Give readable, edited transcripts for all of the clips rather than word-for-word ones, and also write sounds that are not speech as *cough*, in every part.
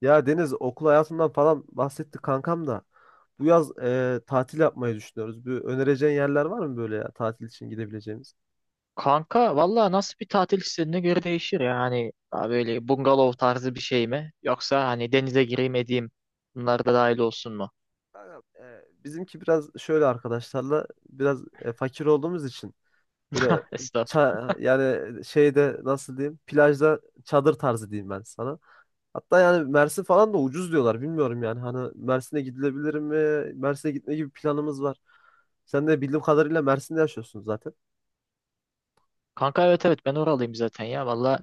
Ya Deniz okul hayatından falan bahsetti kankam da. Bu yaz tatil yapmayı düşünüyoruz. Bir önereceğin yerler var mı böyle ya tatil için gidebileceğimiz? Kanka valla nasıl bir tatil istediğine göre değişir ya. Hani daha böyle bungalov tarzı bir şey mi? Yoksa hani denize gireyim edeyim bunlar da dahil olsun mu? Kankam, bizimki biraz şöyle arkadaşlarla biraz fakir olduğumuz için böyle *laughs* Estağfurullah. Yani şeyde nasıl diyeyim plajda çadır tarzı diyeyim ben sana. Hatta yani Mersin falan da ucuz diyorlar. Bilmiyorum yani. Hani Mersin'e gidilebilir mi? Mersin'e gitme gibi planımız var. Sen de bildiğim kadarıyla Mersin'de yaşıyorsun zaten. Kanka evet evet ben oralıyım zaten ya valla.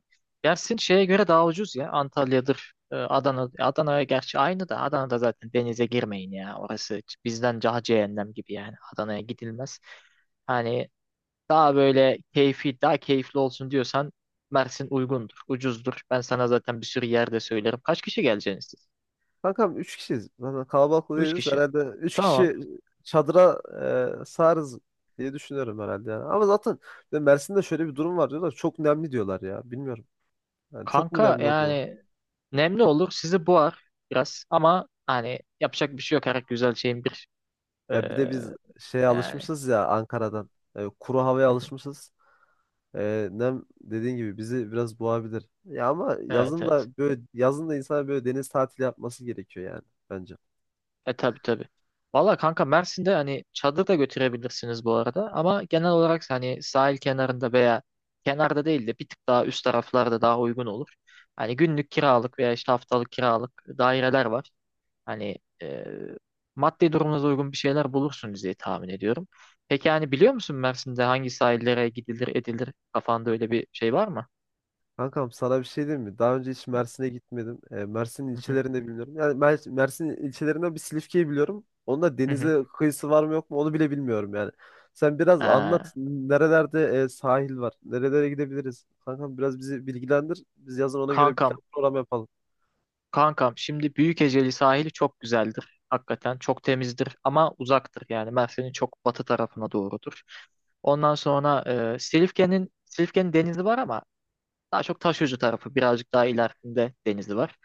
Dersin şeye göre daha ucuz ya. Antalya'dır, Adana. Adana'ya gerçi aynı da Adana'da zaten denize girmeyin ya. Orası bizden daha cehennem gibi yani. Adana'ya gidilmez. Hani daha böyle keyfi, daha keyifli olsun diyorsan Mersin uygundur, ucuzdur. Ben sana zaten bir sürü yerde söylerim. Kaç kişi geleceksiniz siz? Kankam 3 kişiyiz. Zaten kalabalık da Üç değiliz. kişi. Herhalde üç Tamam. kişi çadıra sığarız diye düşünüyorum herhalde yani. Ama zaten Mersin'de şöyle bir durum var diyorlar. Çok nemli diyorlar ya. Bilmiyorum. Yani çok mu Kanka nemli oluyor? yani nemli olur. Sizi boğar biraz ama hani yapacak bir şey yok. Her güzel şeyin bir Ya bir de eee, biz şeye yani. alışmışız ya Ankara'dan. Kuru havaya *laughs* alışmışız. Nem dediğin gibi bizi biraz boğabilir. Ya ama Evet yazın evet. da böyle yazın da insana böyle deniz tatili yapması gerekiyor yani bence. E tabi tabi. Valla kanka Mersin'de hani çadır da götürebilirsiniz bu arada. Ama genel olarak hani sahil kenarında veya kenarda değil de bir tık daha üst taraflarda daha uygun olur. Hani günlük kiralık veya işte haftalık kiralık daireler var. Hani e, maddi durumunuza uygun bir şeyler bulursunuz diye tahmin ediyorum. Peki hani biliyor musun Mersin'de hangi sahillere gidilir edilir? Kafanda öyle bir şey var mı? Kankam sana bir şey diyeyim mi? Daha önce hiç Mersin'e gitmedim. Mersin Hı hı. ilçelerinde bilmiyorum. Yani Mersin ilçelerinden bir Silifke'yi biliyorum. Onun da Hı hı. denize kıyısı var mı yok mu onu bile bilmiyorum yani. Sen biraz anlat. Ee, Nerelerde sahil var? Nerelere gidebiliriz? Kankam biraz bizi bilgilendir. Biz yazın ona göre bir kankam plan program yapalım. Kankam şimdi Büyükeceli sahili çok güzeldir. Hakikaten çok temizdir ama uzaktır. Yani Mersin'in çok batı tarafına doğrudur. Ondan sonra Silifke'nin denizi var ama daha çok Taşucu tarafı birazcık daha ilerisinde denizi var.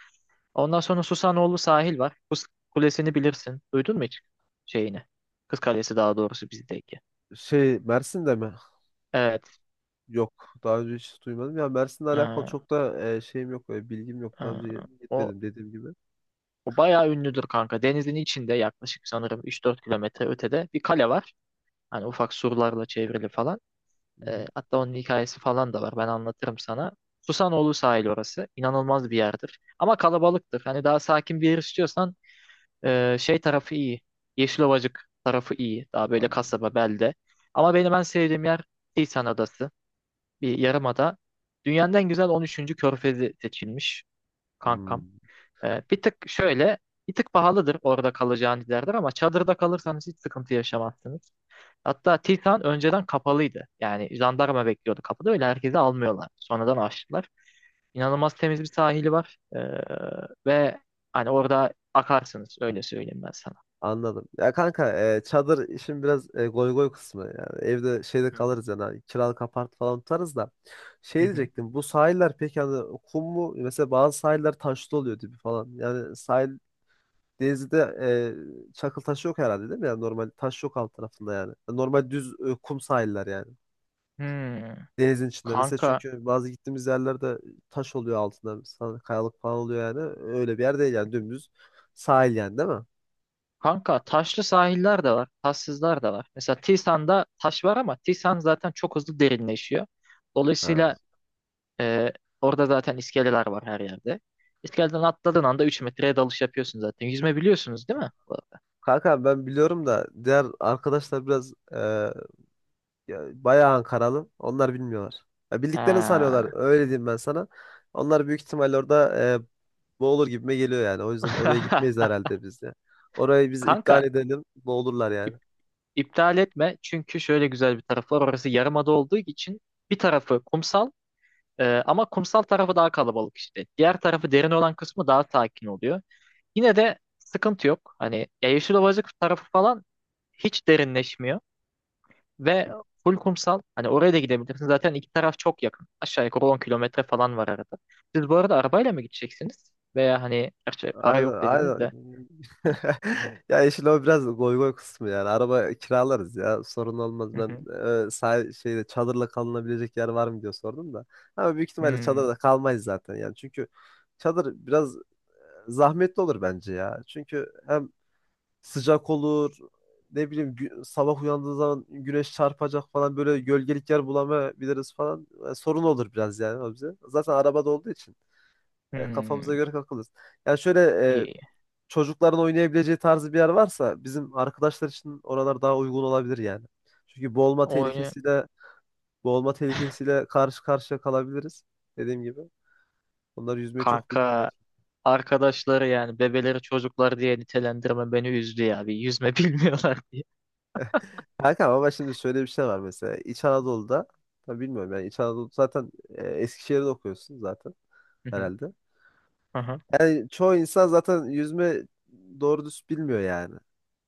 Ondan sonra Susanoğlu sahil var. Kız Kulesi'ni bilirsin. Duydun mu hiç şeyini? Kız Kalesi daha doğrusu bizdeki. Şey Mersin'de mi? Evet. Yok. Daha önce hiç duymadım. Ya Mersin'le alakalı e, çok da şeyim yok. Bilgim yok. e, Daha önce o, gitmedim dediğim gibi. Hı O bayağı ünlüdür kanka. Denizin içinde yaklaşık sanırım 3-4 kilometre ötede bir kale var. Hani ufak surlarla çevrili falan. E, hı. hatta onun hikayesi falan da var. Ben anlatırım sana. Susanoğlu sahil orası. İnanılmaz bir yerdir. Ama kalabalıktır. Hani daha sakin bir yer istiyorsan şey tarafı iyi. Yeşilovacık tarafı iyi. Daha böyle Anladım. kasaba, belde. Ama benim en sevdiğim yer Tisan Adası. Bir yarımada. Dünyanın en güzel 13. körfezi seçilmiş kankam. Hmm, E, bir tık şöyle, bir tık pahalıdır orada kalacağın yerler ama çadırda kalırsanız hiç sıkıntı yaşamazsınız. Hatta Titan önceden kapalıydı. Yani jandarma bekliyordu kapıda. Öyle herkesi almıyorlar. Sonradan açtılar. İnanılmaz temiz bir sahili var. Ve hani orada akarsınız. Öyle söyleyeyim ben sana. anladım. Ya kanka çadır işin biraz goy goy kısmı. Yani evde şeyde Hı kalırız yani. Hani kiralık apart falan tutarız da. Şey hı. diyecektim. Bu sahiller peki hani kum mu? Mesela bazı sahiller taşlı oluyor dibi falan. Yani sahil Denizli'de çakıl taşı yok herhalde değil mi? Yani normal taş yok alt tarafında yani. Normal düz kum sahiller yani. Hmm. Denizin içinde. Mesela Kanka, çünkü bazı gittiğimiz yerlerde taş oluyor altında. Mesela kayalık falan oluyor yani. Öyle bir yer değil yani dümdüz sahil yani değil mi? kanka taşlı sahiller de var. Taşsızlar da var. Mesela Tisan'da taş var ama Tisan zaten çok hızlı derinleşiyor. Ha. Dolayısıyla e, orada zaten iskeleler var her yerde. İskeleden atladığın anda 3 metreye dalış yapıyorsun zaten. Yüzme biliyorsunuz değil mi? Kanka ben biliyorum da diğer arkadaşlar biraz ya, bayağı Ankaralı. Onlar bilmiyorlar. Ya, bildiklerini sanıyorlar. Ha. Öyle diyeyim ben sana. Onlar büyük ihtimalle orada boğulur gibime geliyor yani. O yüzden oraya gitmeyiz *laughs* herhalde biz de. Orayı biz Kanka iptal edelim. Boğulurlar yani. ip- iptal etme çünkü şöyle güzel bir tarafı var. Orası yarımada olduğu için bir tarafı kumsal ama kumsal tarafı daha kalabalık işte. Diğer tarafı derin olan kısmı daha sakin oluyor. Yine de sıkıntı yok. Hani ya Yeşilovacık tarafı falan hiç derinleşmiyor ve full kumsal. Hani oraya da gidebilirsin. Zaten iki taraf çok yakın. Aşağı yukarı 10 kilometre falan var arada. Siz bu arada arabayla mı gideceksiniz? Veya hani gerçi para Aynen yok dediniz aynen. de. *laughs* Ya işin o biraz goy goy kısmı yani. Araba kiralarız ya. Sorun olmaz. Hı Ben hı. Şeyde çadırla kalınabilecek yer var mı diye sordum da. Ama büyük ihtimalle Hmm, çadırda kalmayız zaten yani. Çünkü çadır biraz zahmetli olur bence ya. Çünkü hem sıcak olur. Ne bileyim sabah uyandığı zaman güneş çarpacak falan böyle gölgelik yer bulamayabiliriz falan. Sorun olur biraz yani o bize. Zaten arabada olduğu için kafamıza hmm. göre kalkarız. Yani şöyle İyi. çocukların oynayabileceği tarzı bir yer varsa bizim arkadaşlar için oralar daha uygun olabilir yani. Çünkü Oyunu boğulma tehlikesiyle karşı karşıya kalabiliriz. Dediğim gibi. Onlar yüzmeyi çok bilmiyorlar. kanka arkadaşları yani bebeleri çocuklar diye nitelendirme beni üzdü ya. Bir yüzme *laughs* bilmiyorlar diye. Kanka ama şimdi şöyle bir şey var mesela. İç Anadolu'da tabii bilmiyorum yani İç Anadolu zaten Eskişehir'de okuyorsun zaten Hı hı, herhalde. hı hı. Yani çoğu insan zaten yüzme doğru düz bilmiyor yani.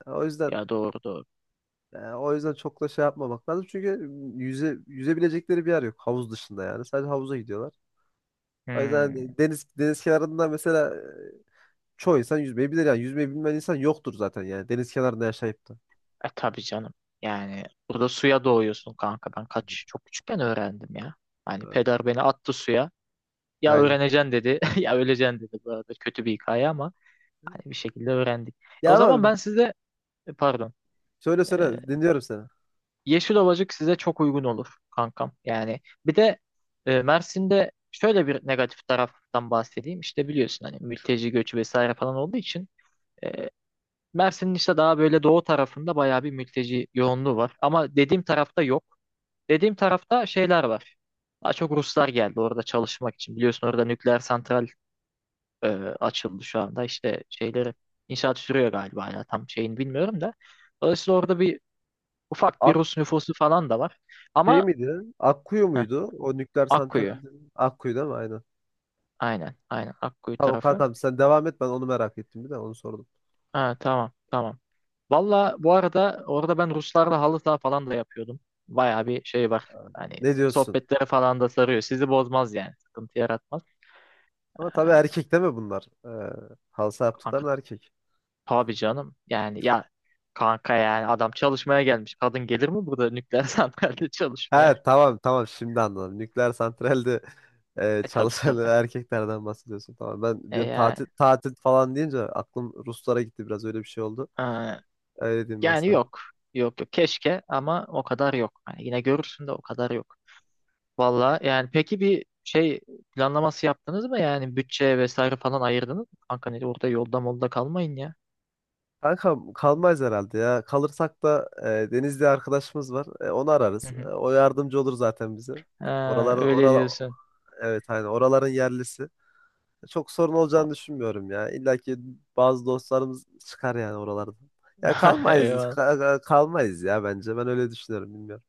O yüzden Ya doğru doğru. Yani o yüzden çok da şey yapmamak lazım. Çünkü yüzebilecekleri bir yer yok. Havuz dışında yani. Sadece havuza gidiyorlar. O yüzden Hmm. hani deniz kenarında mesela çoğu insan yüzmeyi bilir yani. Yüzmeyi bilmeyen insan yoktur zaten yani. Deniz kenarında yaşayıp da. E tabii canım. Yani burada suya doğuyorsun kanka. Ben çok küçükken öğrendim ya. Hani E, peder beni attı suya. Ya Aynen. öğreneceksin dedi *laughs* ya öleceksin dedi. Bu arada kötü bir hikaye ama hani bir şekilde öğrendik. Ya O zaman ama ben size pardon. E, söyle dinliyorum seni. Yeşil Ovacık size çok uygun olur kankam. Yani bir de Mersin'de şöyle bir negatif taraftan bahsedeyim. İşte biliyorsun hani mülteci göçü vesaire falan olduğu için e, Mersin'in işte daha böyle doğu tarafında bayağı bir mülteci yoğunluğu var. Ama dediğim tarafta yok. Dediğim tarafta şeyler var. Daha çok Ruslar geldi orada çalışmak için. Biliyorsun orada nükleer santral e, açıldı şu anda. İşte şeyleri inşaat sürüyor galiba hala tam şeyini bilmiyorum da. Dolayısıyla orada bir ufak bir Ak Rus nüfusu falan da var. Şey Ama miydi? Akkuyu muydu? O nükleer santral Akkuyu. Akkuyu değil mi? Aynen. Aynen. Aynen. Akkuyu Tamam tarafı. kankam sen devam et ben onu merak ettim bir de onu sordum. Ha, tamam. Tamam. Valla bu arada orada ben Ruslarla halı saha falan da yapıyordum. Baya bir şey var. Hani Ne diyorsun? sohbetlere falan da sarıyor. Sizi bozmaz yani. Sıkıntı yaratmaz. Ama tabii erkek değil mi bunlar? Halsa Kanka yaptıkların erkek. tabii canım. Yani ya kanka yani adam çalışmaya gelmiş. Kadın gelir mi burada nükleer *laughs* santralde çalışmaya? Ha tamam tamam şimdi anladım. Nükleer santralde E tabii çalışan tabii. *laughs* erkeklerden bahsediyorsun. Tamam ben bir Yani, tatil falan deyince aklım Ruslara gitti biraz öyle bir şey oldu. e, Öyle diyeyim ben yani sana. yok. Yok yok. Keşke ama o kadar yok. Hani yine görürsün de o kadar yok. Valla yani peki bir şey planlaması yaptınız mı yani bütçe vesaire falan ayırdınız mı? Kanka ne orada yolda molda kalmayın ya. Kanka kalmayız herhalde ya. Kalırsak da Deniz diye arkadaşımız var. Onu Hı ararız. Hı. O yardımcı olur zaten bize. Ha, öyle Oralar diyorsun. evet hani oraların yerlisi. Çok sorun olacağını düşünmüyorum ya. İlla ki bazı dostlarımız çıkar yani oralardan. Ya *laughs* kalmayız, Eyvallah. Kalmayız ya bence. Ben öyle düşünüyorum, bilmiyorum.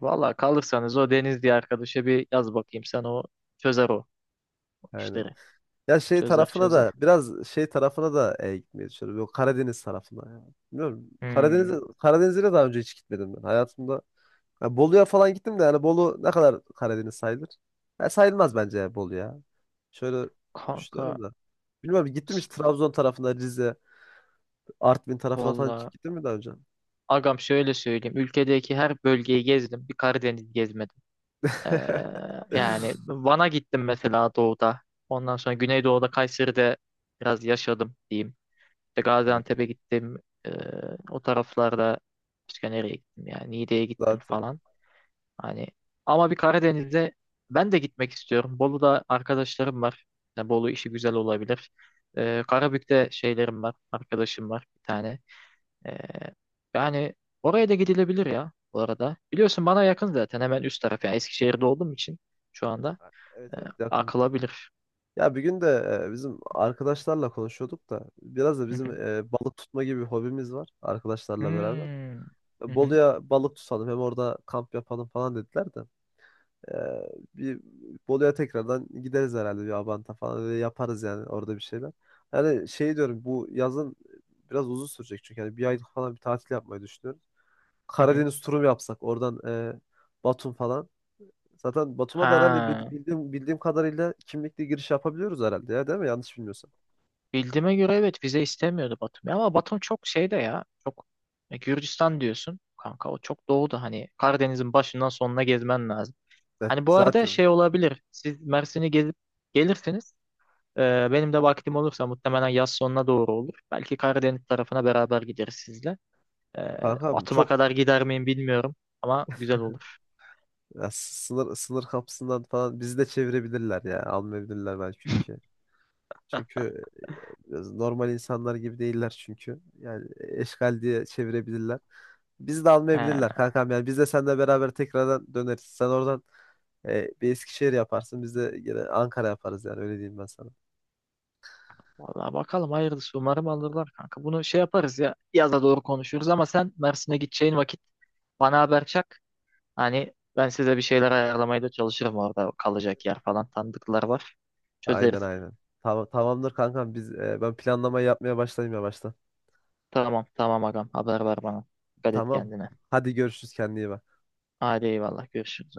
Valla kalırsanız o Deniz diye arkadaşa bir yaz bakayım sen o çözer o Aynen. işleri. Ya şey Çözer tarafına çözer. da biraz şey tarafına da gitmeyi düşünüyorum. Yok Karadeniz tarafına. Ya. Bilmiyorum. Hmm. Karadeniz'e de daha önce hiç gitmedim ben hayatımda. Ya Bolu'ya falan gittim de yani Bolu ne kadar Karadeniz sayılır? Ya sayılmaz bence ya Bolu ya. Şöyle Kanka düşünüyorum da. Bilmiyorum gittim hiç s- Trabzon tarafına, Rize, Artvin tarafına falan hiç valla gittim mi daha önce? agam şöyle söyleyeyim. Ülkedeki her bölgeyi gezdim. Bir Karadeniz gezmedim. Ee, *laughs* Yani Van'a gittim mesela doğuda. Ondan sonra Güneydoğu'da Kayseri'de biraz yaşadım diyeyim. İşte Evet, Gaziantep'e gittim. Ee, O taraflarda başka nereye gittim yani Niğde'ye gittim zaten. falan. Hani ama bir Karadeniz'e ben de gitmek istiyorum. Bolu'da arkadaşlarım var. Yani Bolu işi güzel olabilir. Karabük'te şeylerim var. Arkadaşım var bir tane. Ee, Yani oraya da gidilebilir ya bu arada. Biliyorsun bana yakın zaten hemen üst taraf. Yani Eskişehir'de olduğum için şu anda Evet e, evet yakın. akılabilir. Ya bir gün de bizim arkadaşlarla konuşuyorduk da biraz da Hı bizim hı. Balık tutma gibi bir hobimiz var arkadaşlarla beraber. Hmm. Hı hı. Bolu'ya balık tutalım hem orada kamp yapalım falan dediler de. E, bir Bolu'ya tekrardan gideriz herhalde bir Abant'a falan öyle yaparız yani orada bir şeyler. Yani şey diyorum bu yazın biraz uzun sürecek çünkü yani bir aylık falan bir tatil yapmayı düşünüyorum. Hı hı. Karadeniz turu mu yapsak oradan Batum falan. Zaten Batum'a da herhalde Ha, bildiğim, kadarıyla kimlikle giriş yapabiliyoruz herhalde ya değil mi? Yanlış bilmiyorsam. bildiğime göre evet vize istemiyordu Batum. Ama Batum çok şeyde ya. Çok Gürcistan diyorsun. Kanka o çok doğuda hani Karadeniz'in başından sonuna gezmen lazım. Evet, Hani bu arada zaten şey olabilir. Siz Mersin'i gezip gelirsiniz. Benim de vaktim olursa muhtemelen yaz sonuna doğru olur. Belki Karadeniz tarafına beraber gideriz sizle. Kankam Batum'a çok kadar gider miyim bilmiyorum ama güzel olur. ya, sınır kapısından falan bizi de çevirebilirler ya. Almayabilirler belki ülke. Çünkü biraz normal insanlar gibi değiller çünkü. Yani eşkal diye çevirebilirler. Bizi de He, almayabilirler kankam yani. Biz de seninle beraber tekrardan döneriz. Sen oradan bir Eskişehir yaparsın. Biz de yine Ankara yaparız yani öyle diyeyim ben sana. vallahi bakalım hayırlısı umarım alırlar kanka. Bunu şey yaparız ya yaza doğru konuşuruz ama sen Mersin'e gideceğin vakit bana haber çak. Hani ben size bir şeyler ayarlamaya da çalışırım orada kalacak yer falan tanıdıklar var. Çözeriz. Aynen aynen. Tamam, tamamdır kankam biz ben planlamayı yapmaya başlayayım yavaştan. Tamam tamam agam haber ver bana. Dikkat et Tamam. kendine. Hadi görüşürüz kendine iyi bak. Hadi eyvallah görüşürüz.